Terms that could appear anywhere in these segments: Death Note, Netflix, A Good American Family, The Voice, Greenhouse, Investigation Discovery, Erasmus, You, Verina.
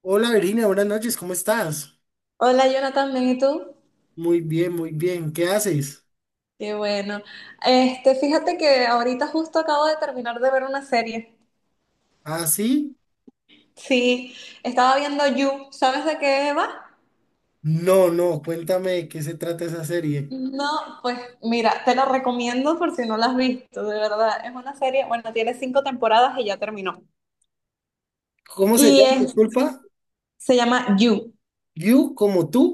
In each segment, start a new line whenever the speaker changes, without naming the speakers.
Hola Verina, buenas noches, ¿cómo estás?
Hola Jonathan, bien, ¿y tú?
Muy bien, ¿qué haces?
Qué bueno. Fíjate que ahorita justo acabo de terminar de ver una serie.
¿Ah, sí?
Sí, estaba viendo You. ¿Sabes de qué va?
No, no, cuéntame de qué se trata esa serie.
No, pues mira, te la recomiendo por si no la has visto, de verdad. Es una serie, bueno, tiene cinco temporadas y ya terminó.
¿Cómo se
Y
llama?
es-
Disculpa,
Se llama You,
You como tú.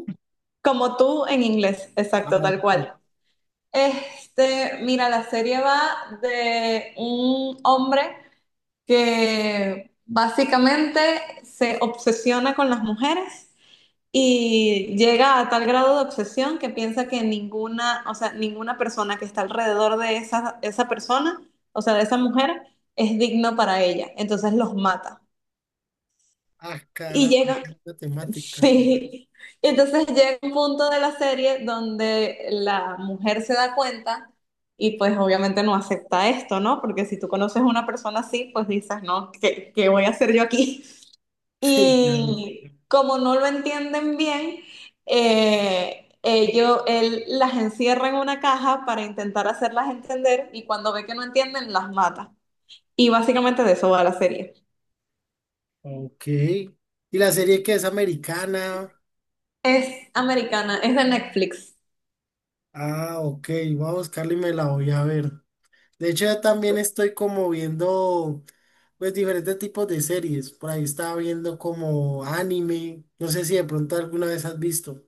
como tú en inglés,
Ah,
exacto, tal
ok.
cual. Mira, la serie va de un hombre que básicamente se obsesiona con las mujeres y llega a tal grado de obsesión que piensa que ninguna, o sea, ninguna persona que está alrededor de esa persona, o sea, de esa mujer, es digno para ella. Entonces los mata.
Ah,
Y
caramba,
llega,
la temática.
sí. Y entonces llega un punto de la serie donde la mujer se da cuenta y pues obviamente no acepta esto, ¿no? Porque si tú conoces a una persona así, pues dices, no, ¿qué voy a hacer yo aquí?
Sí, claro.
Y como no lo entienden bien, él las encierra en una caja para intentar hacerlas entender y cuando ve que no entienden, las mata. Y básicamente de eso va la serie.
Ok. ¿Y la serie que es americana?
Es americana, es de Netflix.
Ah, ok, voy a buscarla y me la voy a ver. De hecho, yo también estoy como viendo. Pues diferentes tipos de series. Por ahí estaba viendo como anime. No sé si de pronto alguna vez has visto.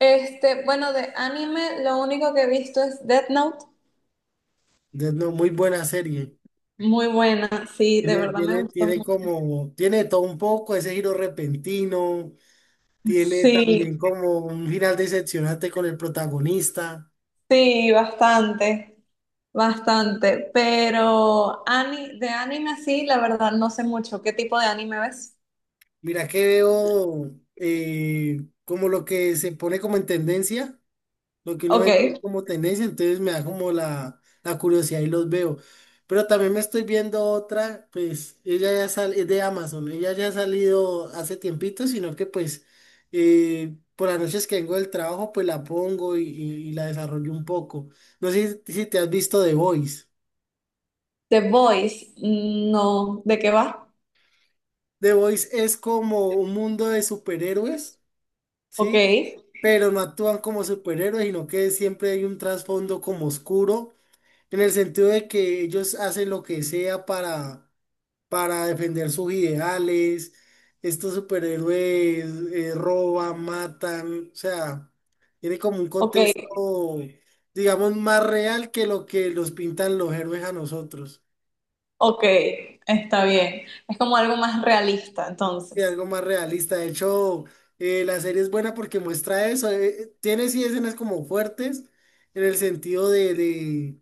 Bueno, de anime lo único que he visto es Death Note.
Es una muy buena serie.
Muy buena, sí, de
Tiene,
verdad me
tiene,
gustó
tiene
mucho.
como, tiene de todo un poco, ese giro repentino. Tiene
Sí,
también como un final decepcionante con el protagonista.
sí, bastante. Bastante, pero de anime sí, la verdad no sé mucho. ¿Qué tipo de anime ves?
Mira que veo como lo que se pone como en tendencia. Lo que uno ve
Ok.
como tendencia, entonces me da como la curiosidad y los veo. Pero también me estoy viendo otra, pues ella ya sale, es de Amazon, ella ya ha salido hace tiempito, sino que pues por las noches que vengo del trabajo, pues la pongo y la desarrollo un poco. No sé si te has visto The Voice.
The Voice, mm, no. ¿De qué va?
The Voice es como un mundo de superhéroes,
Ok,
¿sí? Pero no actúan como superhéroes, sino que siempre hay un trasfondo como oscuro en el sentido de que ellos hacen lo que sea para defender sus ideales. Estos superhéroes roban, matan, o sea, tiene como un
ok,
contexto, digamos, más real que lo que nos pintan los héroes a nosotros.
ok, está bien. Es como algo más realista,
Y
entonces.
algo más realista. De hecho, la serie es buena porque muestra eso. Tiene sí escenas como fuertes en el sentido de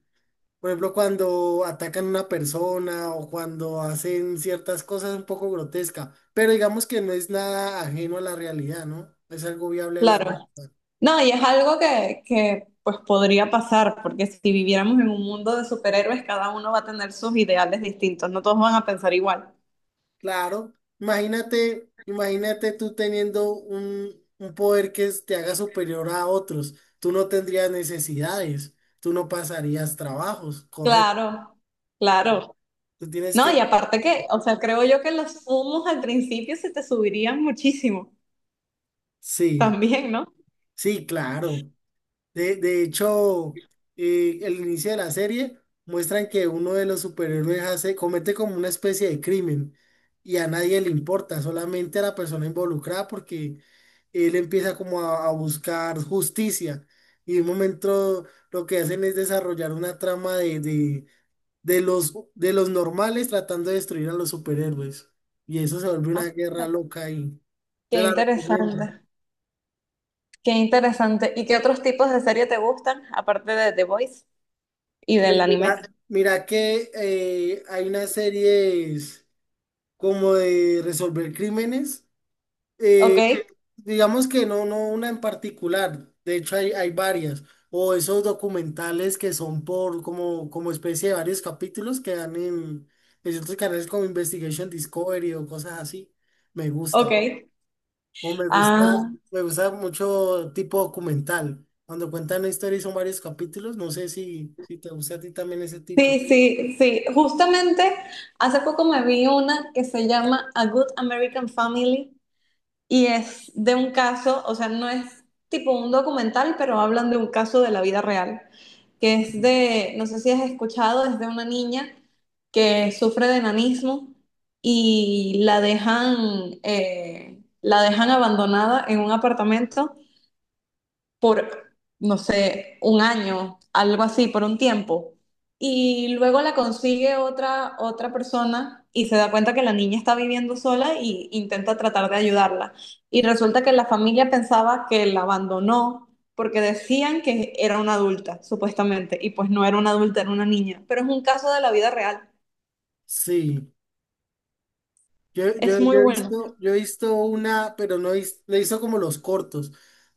por ejemplo, cuando atacan a una persona o cuando hacen ciertas cosas un poco grotesca, pero digamos que no es nada ajeno a la realidad, ¿no? Es algo viable a la
Claro.
realidad.
No, y es algo que pues podría pasar, porque si viviéramos en un mundo de superhéroes, cada uno va a tener sus ideales distintos, no todos van a pensar igual.
Claro, imagínate, imagínate tú teniendo un poder que es- te haga superior a otros. Tú no tendrías necesidades, tú no pasarías trabajos, correcto.
Claro, claro.
Tú tienes
No, y
que,
aparte que, o sea, creo yo que los humos al principio se te subirían muchísimo
sí,
también, ¿no?
sí, claro. De hecho, el inicio de la serie muestran que uno de los superhéroes hace, comete como una especie de crimen y a nadie le importa, solamente a la persona involucrada porque él empieza como a buscar justicia y de un momento lo que hacen es desarrollar una trama de de los normales tratando de destruir a los superhéroes y eso se vuelve
Ah,
una guerra loca y te
qué
la recomiendo.
interesante, qué interesante. ¿Y qué otros tipos de serie te gustan, aparte de The Voice y del anime?
Ya, mira que hay unas series como de resolver crímenes.
Ok,
eh, pues, digamos que no, no una en particular. De hecho, hay varias. O esos documentales que son por como, como especie de varios capítulos que dan en ciertos canales como Investigation Discovery o cosas así. Me gusta.
ok.
O
Ah,
me gusta mucho tipo documental. Cuando cuentan una historia y son varios capítulos, no sé si te gusta a ti también ese tipo.
sí, sí, sí. Justamente hace poco me vi una que se llama A Good American Family, y es de un caso, o sea, no es tipo un documental, pero hablan de un caso de la vida real, que es de, no sé si has escuchado, es de una niña que sufre de enanismo y la dejan abandonada en un apartamento por, no sé, un año, algo así, por un tiempo. Y luego la consigue otra persona y se da cuenta que la niña está viviendo sola y intenta tratar de ayudarla. Y resulta que la familia pensaba que la abandonó porque decían que era una adulta, supuestamente, y pues no era una adulta, era una niña. Pero es un caso de la vida real.
Sí. Yo, yo,
Es muy
yo he
bueno.
visto, yo he visto una, pero no he vis- le hizo como los cortos.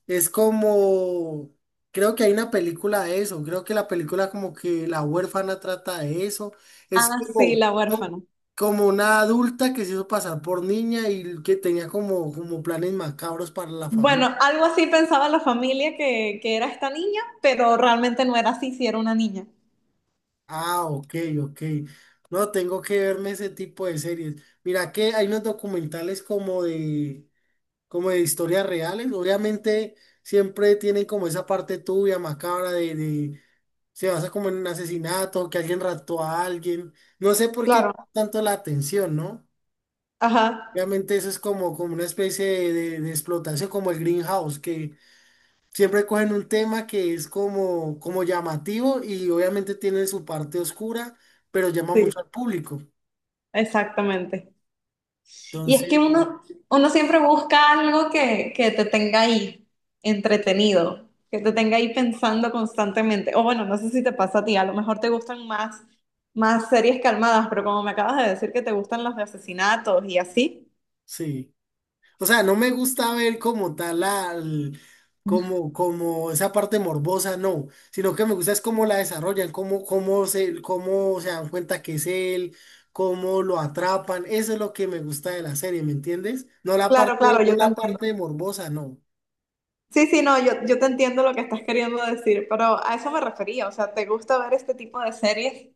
Es como, creo que hay una película de eso. Creo que la película como que la huérfana trata de eso. Es
Ah, sí,
como,
la
como
huérfana.
como una adulta que se hizo pasar por niña y que tenía como, como planes macabros para la familia.
Bueno, algo así pensaba la familia que era esta niña, pero realmente no era así, si era una niña.
Ah, ok, ok. No, tengo que verme ese tipo de series. Mira que hay unos documentales como de historias reales. Obviamente siempre tienen como esa parte tuya, macabra, de- se basa como en un asesinato, que alguien raptó a alguien. No sé por
Claro,
qué tanto la atención, ¿no?
ajá,
Obviamente eso es como, como una especie de explotación, como el Greenhouse, que siempre cogen un tema que es como, como llamativo y obviamente tiene su parte oscura, pero llama
sí,
mucho al público.
exactamente. Y es
Entonces,
que uno, uno siempre busca algo que te tenga ahí entretenido, que te tenga ahí pensando constantemente. O bueno, no sé si te pasa a ti, a lo mejor te gustan más series calmadas, pero como me acabas de decir que te gustan las de asesinatos y así.
sí. O sea, no me gusta ver como tal al, como, como esa parte morbosa, no, sino que me gusta es cómo la desarrollan, cómo, cómo se dan cuenta que es él, cómo lo atrapan, eso es lo que me gusta de la serie, ¿me entiendes? No la
Claro,
parte,
claro,
no
yo te
la
entiendo.
parte morbosa, no.
Sí, sí, no, yo te entiendo lo que estás queriendo decir, pero a eso me refería, o sea, te gusta ver este tipo de series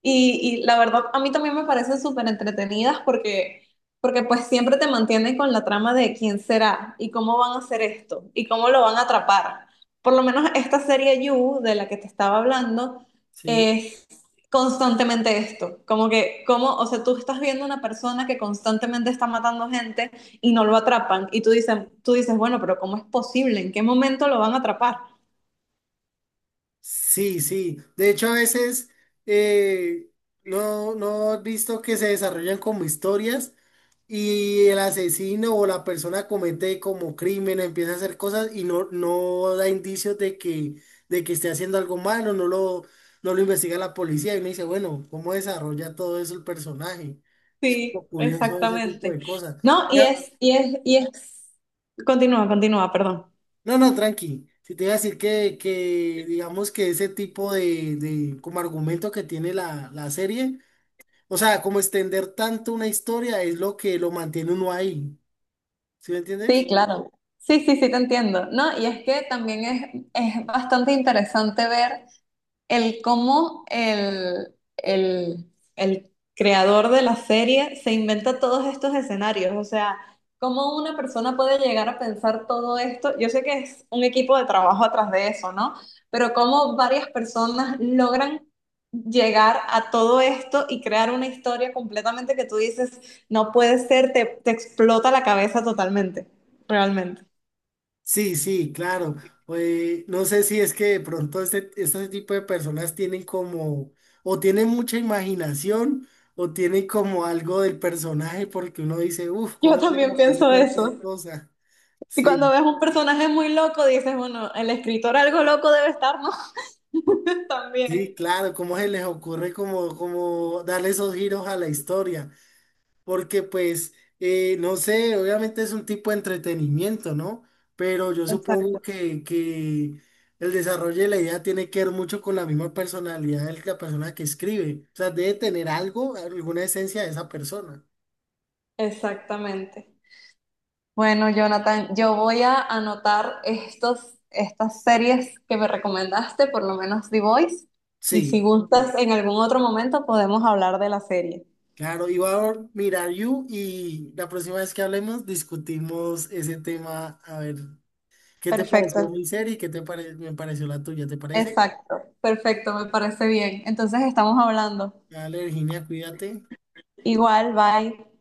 y la verdad a mí también me parecen súper entretenidas porque pues siempre te mantienen con la trama de quién será y cómo van a hacer esto y cómo lo van a atrapar. Por lo menos esta serie You de la que te estaba hablando
Sí.
es constantemente esto, como que, como, o sea, tú estás viendo una persona que constantemente está matando gente y no lo atrapan. Y tú dices, bueno, pero ¿cómo es posible? ¿En qué momento lo van a atrapar?
Sí, sí. De hecho, a veces eh, no, no has visto que se desarrollan como historias y el asesino o la persona comete como crimen, empieza a hacer cosas y no, no da indicios de que esté haciendo algo malo, no lo investiga la policía y uno dice, bueno, ¿cómo desarrolla todo eso el personaje? Es como
Sí,
curioso ese tipo
exactamente.
de cosas.
No, y es, continúa, continúa, perdón.
No, no, tranqui. Si te iba a decir que digamos que ese tipo de como argumento que tiene la serie, o sea, como extender tanto una historia es lo que lo mantiene uno ahí. ¿Sí me
Sí,
entiendes?
claro. Sí, sí, sí, te entiendo. No, y es que también es bastante interesante ver el cómo el creador de la serie se inventa todos estos escenarios. O sea, cómo una persona puede llegar a pensar todo esto. Yo sé que es un equipo de trabajo atrás de eso, ¿no? Pero cómo varias personas logran llegar a todo esto y crear una historia completamente que tú dices, no puede ser, te explota la cabeza totalmente, realmente.
Sí, sí, claro. Pues, no sé si es que de pronto este tipo de personas tienen como, o tienen mucha imaginación, o tienen como algo del personaje, porque uno dice, uff,
Yo
¿cómo se le
también
ocurre
pienso
tantas
eso.
cosas?
Y cuando
Sí.
ves un personaje muy loco, dices, bueno, el escritor algo loco debe estar, ¿no?
Sí,
También.
claro, cómo se les ocurre como, como darle esos giros a la historia, porque pues, no sé, obviamente es un tipo de entretenimiento, ¿no? Pero yo
Exacto.
supongo que el desarrollo de la idea tiene que ver mucho con la misma personalidad de la persona que escribe, o sea, debe tener algo, alguna esencia de esa persona.
Exactamente. Bueno, Jonathan, yo voy a anotar estas series que me recomendaste, por lo menos The Voice, y si
Sí,
gustas, en algún otro momento podemos hablar de la serie.
claro, iba a mirar You y la próxima vez que hablemos discutimos ese tema, a ver. ¿Qué te
Perfecto,
pareció mi serie? ¿Qué te pare- me pareció la tuya? ¿Te parece?
exacto, perfecto, me parece bien. Entonces estamos hablando.
Dale, Virginia, cuídate.
Igual, bye.